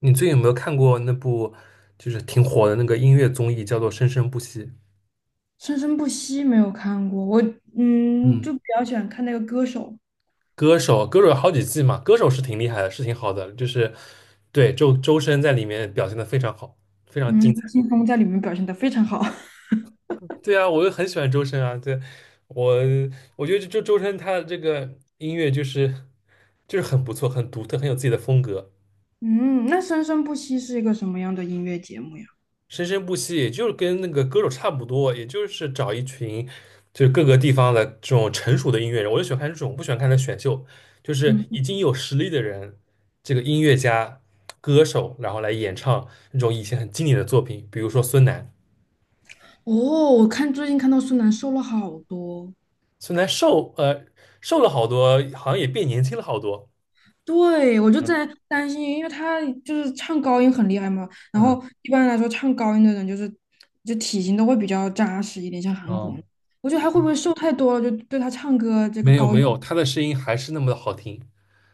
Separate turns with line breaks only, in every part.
你最近有没有看过那部就是挺火的那个音乐综艺，叫做《生生不息》？
生生不息没有看过，我
嗯，
就比较喜欢看那个歌手。
歌手，歌手有好几季嘛，歌手是挺厉害的，是挺好的，就是对周深在里面表现的非常好，非常精
嗯，
彩。
吴青峰在里面表现得非常好。
对啊，我就很喜欢周深啊，对，我我觉得就周深他的这个音乐就是很不错，很独特，很有自己的风格。
嗯，那生生不息是一个什么样的音乐节目呀？
生生不息，也就是跟那个歌手差不多，也就是找一群就是各个地方的这种成熟的音乐人，我就喜欢看这种，不喜欢看那选秀，就是
嗯，
已经有实力的人，这个音乐家、歌手，然后来演唱那种以前很经典的作品，比如说孙楠，
哦，我看最近看到孙楠瘦了好多。
孙楠瘦了好多，好像也变年轻了好多。
对，我就在
嗯
担心，因为他就是唱高音很厉害嘛，然
嗯，
后一般来说唱高音的人就是就体型都会比较扎实一点，像韩
哦，
红，我觉得他会不会瘦太多了，就对他唱歌这个
没有
高
没
音。
有，他的声音还是那么的好听。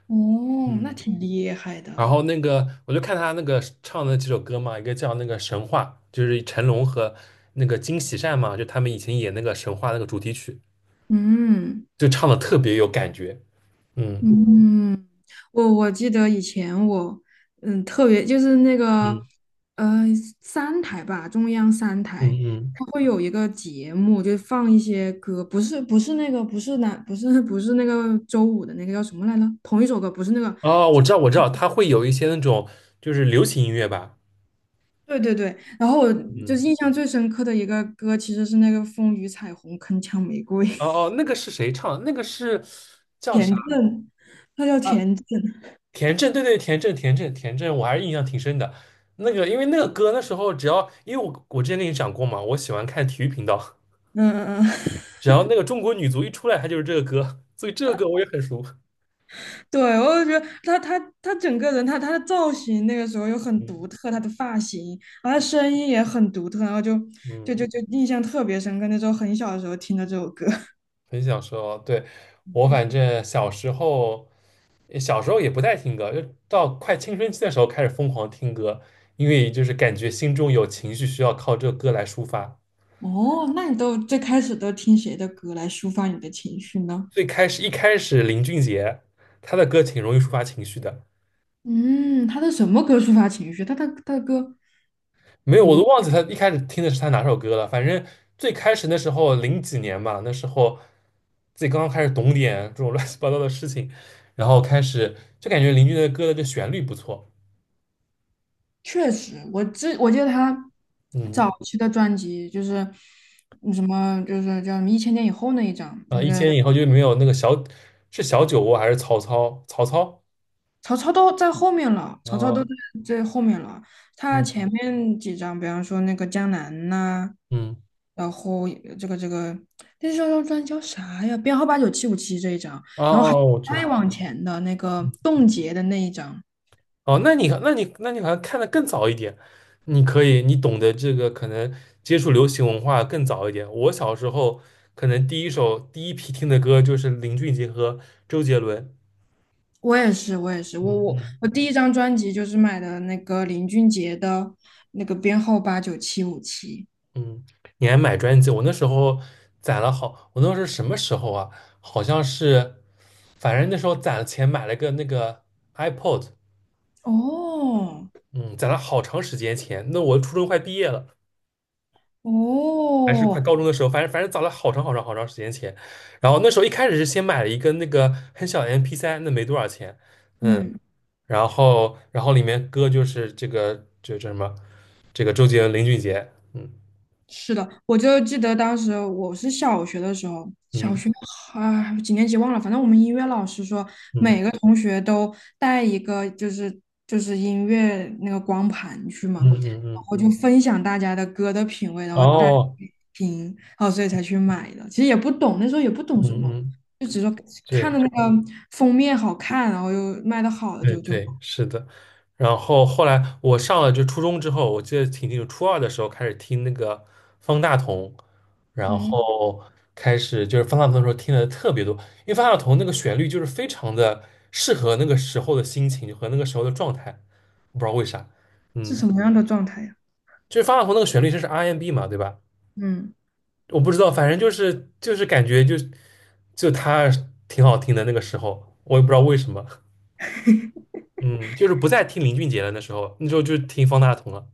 哦，那
嗯。
挺厉害
然
的。
后那个，我就看他那个唱的几首歌嘛，一个叫那个《神话》，就是成龙和那个金喜善嘛，就他们以前演那个《神话》那个主题曲，
嗯。
就唱的特别有感觉。嗯
嗯，我记得以前我，嗯，特别就是那个，
嗯
呃，三台吧，中央三
嗯
台，
嗯。
它会有一个节目，就放一些歌，不是那个，不是那不是 不是那个周五的那个叫什么来着？同一首歌，不是那个，
哦，我知道，我知道，他会有一些那种就是流行音乐吧。
对对对。然后我就是
嗯。
印象最深刻的一个歌，其实是那个《风雨彩虹铿锵玫瑰》。
哦哦，那个是谁唱的？那个是 叫
田
啥
震，他叫
啊？
田震。
田震，对对，田震，田震，田震，我还是印象挺深的。那个，因为那个歌那时候只要，因为我之前跟你讲过嘛，我喜欢看体育频道。
嗯嗯嗯。
只要那个中国女足一出来，她就是这个歌，所以这个歌我也很熟。
对，我就觉得他整个人，他的造型那个时候又很
嗯
独特，他的发型，然后他声音也很独特，然后就就
嗯，
就就印象特别深刻。那时候很小的时候听的这首歌。
很想说，对，我反 正小时候，小时候也不太听歌，就到快青春期的时候开始疯狂听歌，因为就是感觉心中有情绪需要靠这个歌来抒发。
哦，那你都最开始都听谁的歌来抒发你的情绪呢？
最开始一开始林俊杰，他的歌挺容易抒发情绪的，
嗯，他的什么歌抒发情绪？他的歌，
没有，
比
我都
如
忘记他一开始听的是他哪首歌了。反正最开始那时候零几年吧，那时候自己刚刚开始懂点这种 乱七八糟的事情，然后开始就感觉邻居的歌的这旋律不错。
确实，我记得他
嗯，
早期的专辑就是什么，就是叫什么《一千年以后》那一张，
啊，
那
一
个
千以后就没有那个是小酒窝还是曹操？曹操？
曹操都在后面了，曹操都
啊，
在最后面了。他
嗯
前面几张，比方说那个江南呐，
嗯，
然后这个那张专辑叫啥呀？编号八九七五七这一张，
哦
然后还
哦，我知
再
道。
往前的那个冻结的那一张。
哦，那你好像看的更早一点，你可以你懂得这个可能接触流行文化更早一点。我小时候可能第一批听的歌就是林俊杰和周杰伦。
我也是，我也是，我
嗯
我
嗯
我第一张专辑就是买的那个林俊杰的那个编号八九七五七。
嗯，你还买专辑？我那时候攒了好，我那时候什么时候啊？好像是，反正那时候攒了钱买了个那个 iPod,
哦
嗯，攒了好长时间钱。那我初中快毕业了。还是快
哦，
高中的时候，反正早了好长好长好长时间前。然后那时候一开始是先买了一个那个很小的 MP3,那没多少钱。
嗯。
然后里面歌就是这个这这什么，这个周杰伦、林俊杰，嗯
是的，我就记得当时我是小学的时候，小
嗯
学啊几年级忘了，反正我们音乐老师说
嗯
每个同学都带一个就是就是音乐那个光盘去嘛，然
嗯嗯嗯，
后就分享大家的歌的品味，然后带
哦，
听，然后所以才去买的。其实也不懂，那时候也不
嗯
懂什么，
嗯，
就只是说看的
对，
那个封面好看，然后又卖的好的
对
就，
对，是的。然后后来我上了就初中之后，我记得挺清楚，初二的时候开始听那个方大同，然
嗯。
后开始就是方大同的时候听的特别多，因为方大同那个旋律就是非常的适合那个时候的心情和那个时候的状态，我不知道为啥，
是
嗯，
什么样的状态呀？
就是方大同那个旋律就是 R&B 嘛，对吧？
嗯。
我不知道，反正就是就是感觉就他挺好听的那个时候，我也不知道为什么，嗯，就是不再听林俊杰了，那时候就听方大同了。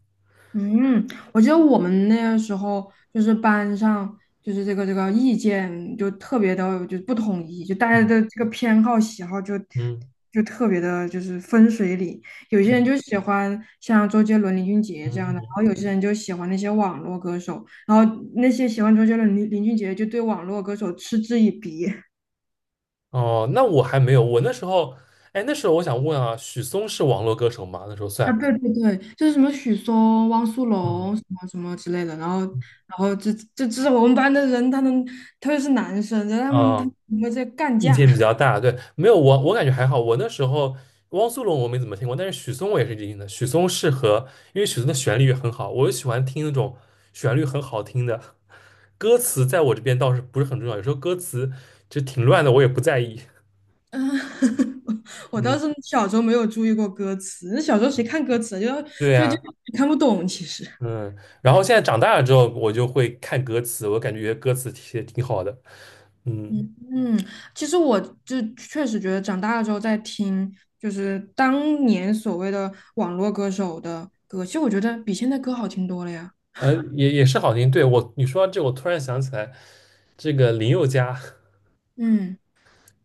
嗯，我记得我们那个时候就是班上就是这个意见就特别的就不统一，就大家
嗯
的这个偏好喜好
嗯
就特别的就是分水岭，有些人就
嗯
喜欢像周杰伦、林俊杰这
嗯
样的，然
嗯。
后有些人就喜欢那些网络歌手，然后那些喜欢周杰伦、林俊杰就对网络歌手嗤之以鼻。
哦，那我还没有，我那时候，哎，那时候我想问啊，许嵩是网络歌手吗？那时候
啊，
算，
对对对，就是什么许嵩、汪苏
嗯
泷什么什么之类的，然后这是我们班的人，他们特别是男生，然后他们他
啊，
们会在干
意
架。
见比较 大，对，没有我感觉还好，我那时候汪苏泷我没怎么听过，但是许嵩我也是听的，许嵩适合，因为许嵩的旋律也很好，我就喜欢听那种旋律很好听的，歌词在我这边倒是不是很重要，有时候歌词就挺乱的，我也不在意。
嗯，我
嗯，
倒是小时候没有注意过歌词，那小时候谁看歌词啊
对
就
呀、
看不懂，其实。
嗯，然后现在长大了之后，我就会看歌词，我感觉歌词写的挺好的，嗯，
嗯嗯，其实我就确实觉得长大了之后再听，就是当年所谓的网络歌手的歌，其实我觉得比现在歌好听多了呀。
呃，也也是好听。对，我，你说到这，我突然想起来，这个林宥嘉，
嗯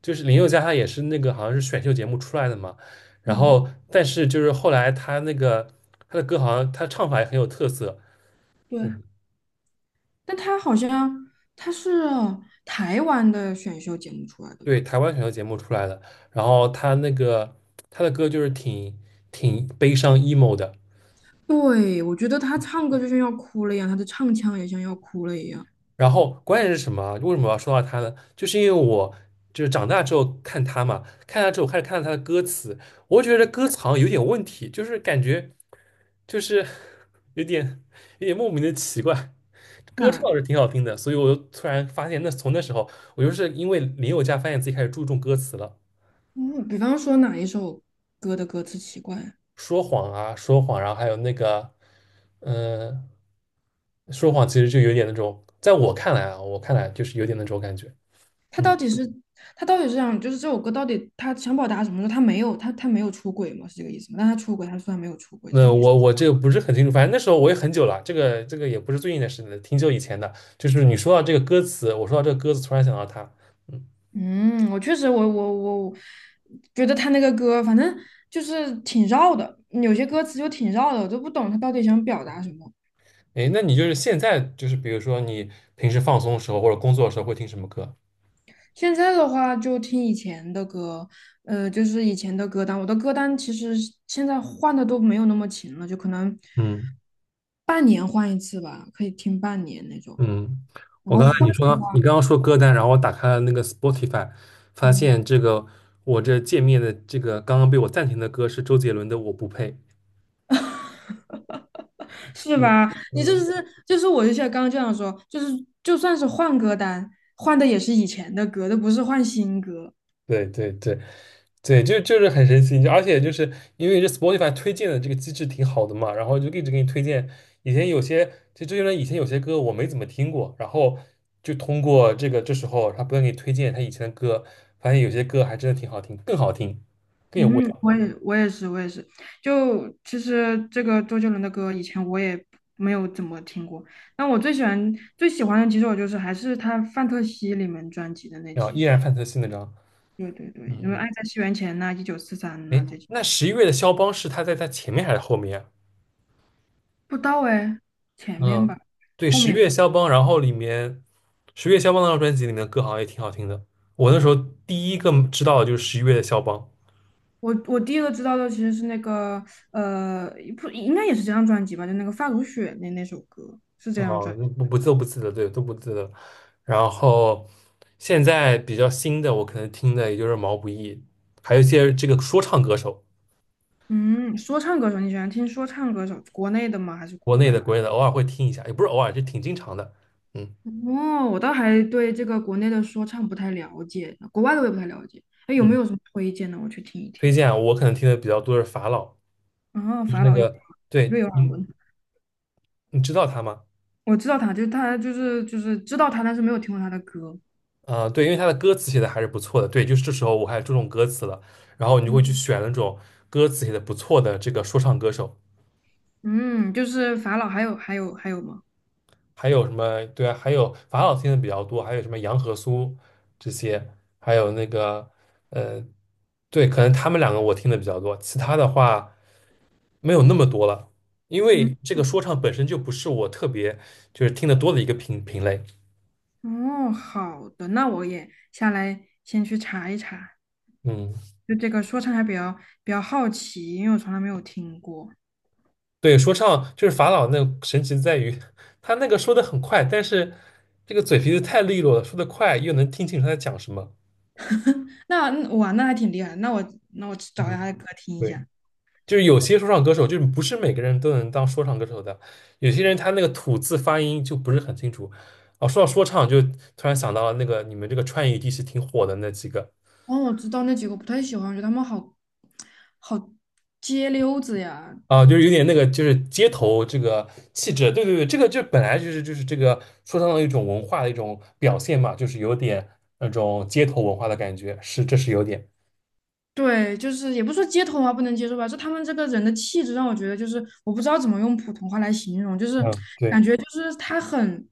就是林宥嘉，他也是那个好像是选秀节目出来的嘛，然
嗯，
后但是就是后来他那个他的歌好像他唱法也很有特色，
对。但他好像他是台湾的选秀节目出来的
对，
吧？
台湾选秀节目出来的，然后他那个他的歌就是挺悲伤 emo 的，
对，我觉得他唱歌就像要哭了一样，他的唱腔也像要哭了一样。
然后关键是什么啊为什么我要说到他呢？就是因为我就是长大之后看他嘛，看他之后开始看到他的歌词，我觉得歌词好像有点问题，就是感觉就是 有点有点莫名的奇怪。歌唱
那
是挺好听的，所以我就突然发现那，从那时候我就是因为林宥嘉发现自己开始注重歌词了，
嗯，比方说哪一首歌的歌词奇怪啊？
说谎啊，说谎，然后还有那个，嗯、说谎其实就有点那种，在我看来啊，我看来就是有点那种感觉。
他
嗯。
到底是他到底是想就是这首歌到底他想表达什么？他没有他没有出轨吗？是这个意思吗？但他出轨，他说他没有出轨这个
那
意思。
我这个不是很清楚，反正那时候我也很久了，这个也不是最近的事了，挺久以前的。就是你说到这个歌词，我说到这个歌词，突然想到它。嗯，
嗯，我确实我觉得他那个歌反正就是挺绕的，有些歌词就挺绕的，我都不懂他到底想表达什么。
哎，那你就是现在就是比如说你平时放松的时候或者工作的时候会听什么歌？
现在的话就听以前的歌，就是以前的歌单。我的歌单其实现在换的都没有那么勤了，就可能
嗯
半年换一次吧，可以听半年那种。
嗯，
然
我
后
刚才
换，的话，
你刚刚说歌单，然后我打开了那个 Spotify,发
嗯，
现这个我这界面的这个刚刚被我暂停的歌是周杰伦的《我不配》。
是
嗯
吧？你就
嗯，
是就是我就像刚刚这样说，就是就算是换歌单，换的也是以前的歌，都不是换新歌。
对对对，对，就是很神奇，就而且就是因为这 Spotify 推荐的这个机制挺好的嘛，然后就一直给你推荐。以前有些，其实这些人以前有些歌我没怎么听过，然后就通过这个这时候他不断给你推荐他以前的歌，发现有些歌还真的挺好听，更好听，更有味
嗯，
道，
我也是，就其实这个周杰伦的歌以前我也没有怎么听过，但我最喜欢最喜欢的几首就是还是他《范特西》里面专辑的那
然后
几
依
首，
然范特西那张。
对对对，
嗯
因为
嗯，
《爱在西元前》呐、《一九四三》呐
哎，
这几，
那十一月的肖邦是他在他前面还是后面啊？
不到哎，前面
嗯，
吧，
对，
后
十
面吧，
月肖邦，然后里面十月肖邦那张专辑里面的歌好像也挺好听的。我那时候第一个知道的就是十一月的肖邦，
我第一个知道的其实是那个呃不应该也是这张专辑吧，就那个《发如雪》那首歌是这张专
哦、
辑。
那不不都不记得，对，都不记得。然后现在比较新的，我可能听的也就是毛不易，还有一些这个说唱歌手，
嗯，说唱歌手你喜欢听说唱歌手，国内的吗还是国
国内
外
的、
的？
国内的，偶尔会听一下，也不是偶尔，就挺经常的。嗯
哦，我倒还对这个国内的说唱不太了解，国外的我也不太了解。哎，有没
嗯，
有什么推荐的？我去听一
推
听。
荐啊我可能听的比较多是法老，
哦，
就是
法
那
老有
个，对，
瑞尔
你
文，
你知道他吗？
我知道他，就是知道他，但是没有听过他的歌。
啊、呃对，因为他的歌词写的还是不错的，对，就是这时候我还注重歌词了，然后你就会去选那种歌词写的不错的这个说唱歌手，
嗯，就是法老还有吗？
还有什么，对啊，还有法老听的比较多，还有什么杨和苏这些，还有那个，呃，对，可能他们两个我听的比较多，其他的话没有那么多了，因
嗯，
为这个说唱本身就不是我特别就是听得多的一个品类，
哦，好的，那我也下来先去查一查。
嗯。
就这个说唱还比较比较好奇，因为我从来没有听过。
对，说唱就是法老那神奇在于，他那个说的很快，但是这个嘴皮子太利落了，说的快又能听清楚他在讲什么。
那嗯哇，那还挺厉害的。那我去找一
嗯，
下他的歌听一
对，
下。
就是有些说唱歌手，就是不是每个人都能当说唱歌手的，有些人他那个吐字发音就不是很清楚。哦，说到说唱，就突然想到了那个你们这个川渝地区挺火的那几个，
哦，我知道那几个不太喜欢，我觉得他们好街溜子呀。
啊，就是有点那个，就是街头这个气质，对对对，这个就本来就是这个说唱的一种文化的一种表现嘛，就是有点那种街头文化的感觉，是这是有点，
对，就是也不说街头啊不能接受吧，就他们这个人的气质让我觉得就是我不知道怎么用普通话来形容，就是
嗯，对，
感觉就是他很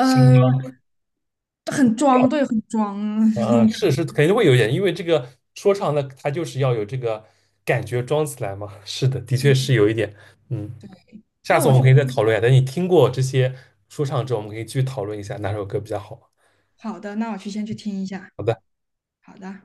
新疆
很
调，
装，对，很装 那
嗯，
种
是
感觉。
是肯定会有一点，因为这个说唱的它就是要有这个感觉装起来嘛，是的，的确是有一点，嗯，下
那
次
我
我们
去
可以再讨论一下，等你听过这些说唱之后，我们可以继续讨论一下哪首歌比较好。
好的，那我去先去听一下，
好的。
好的。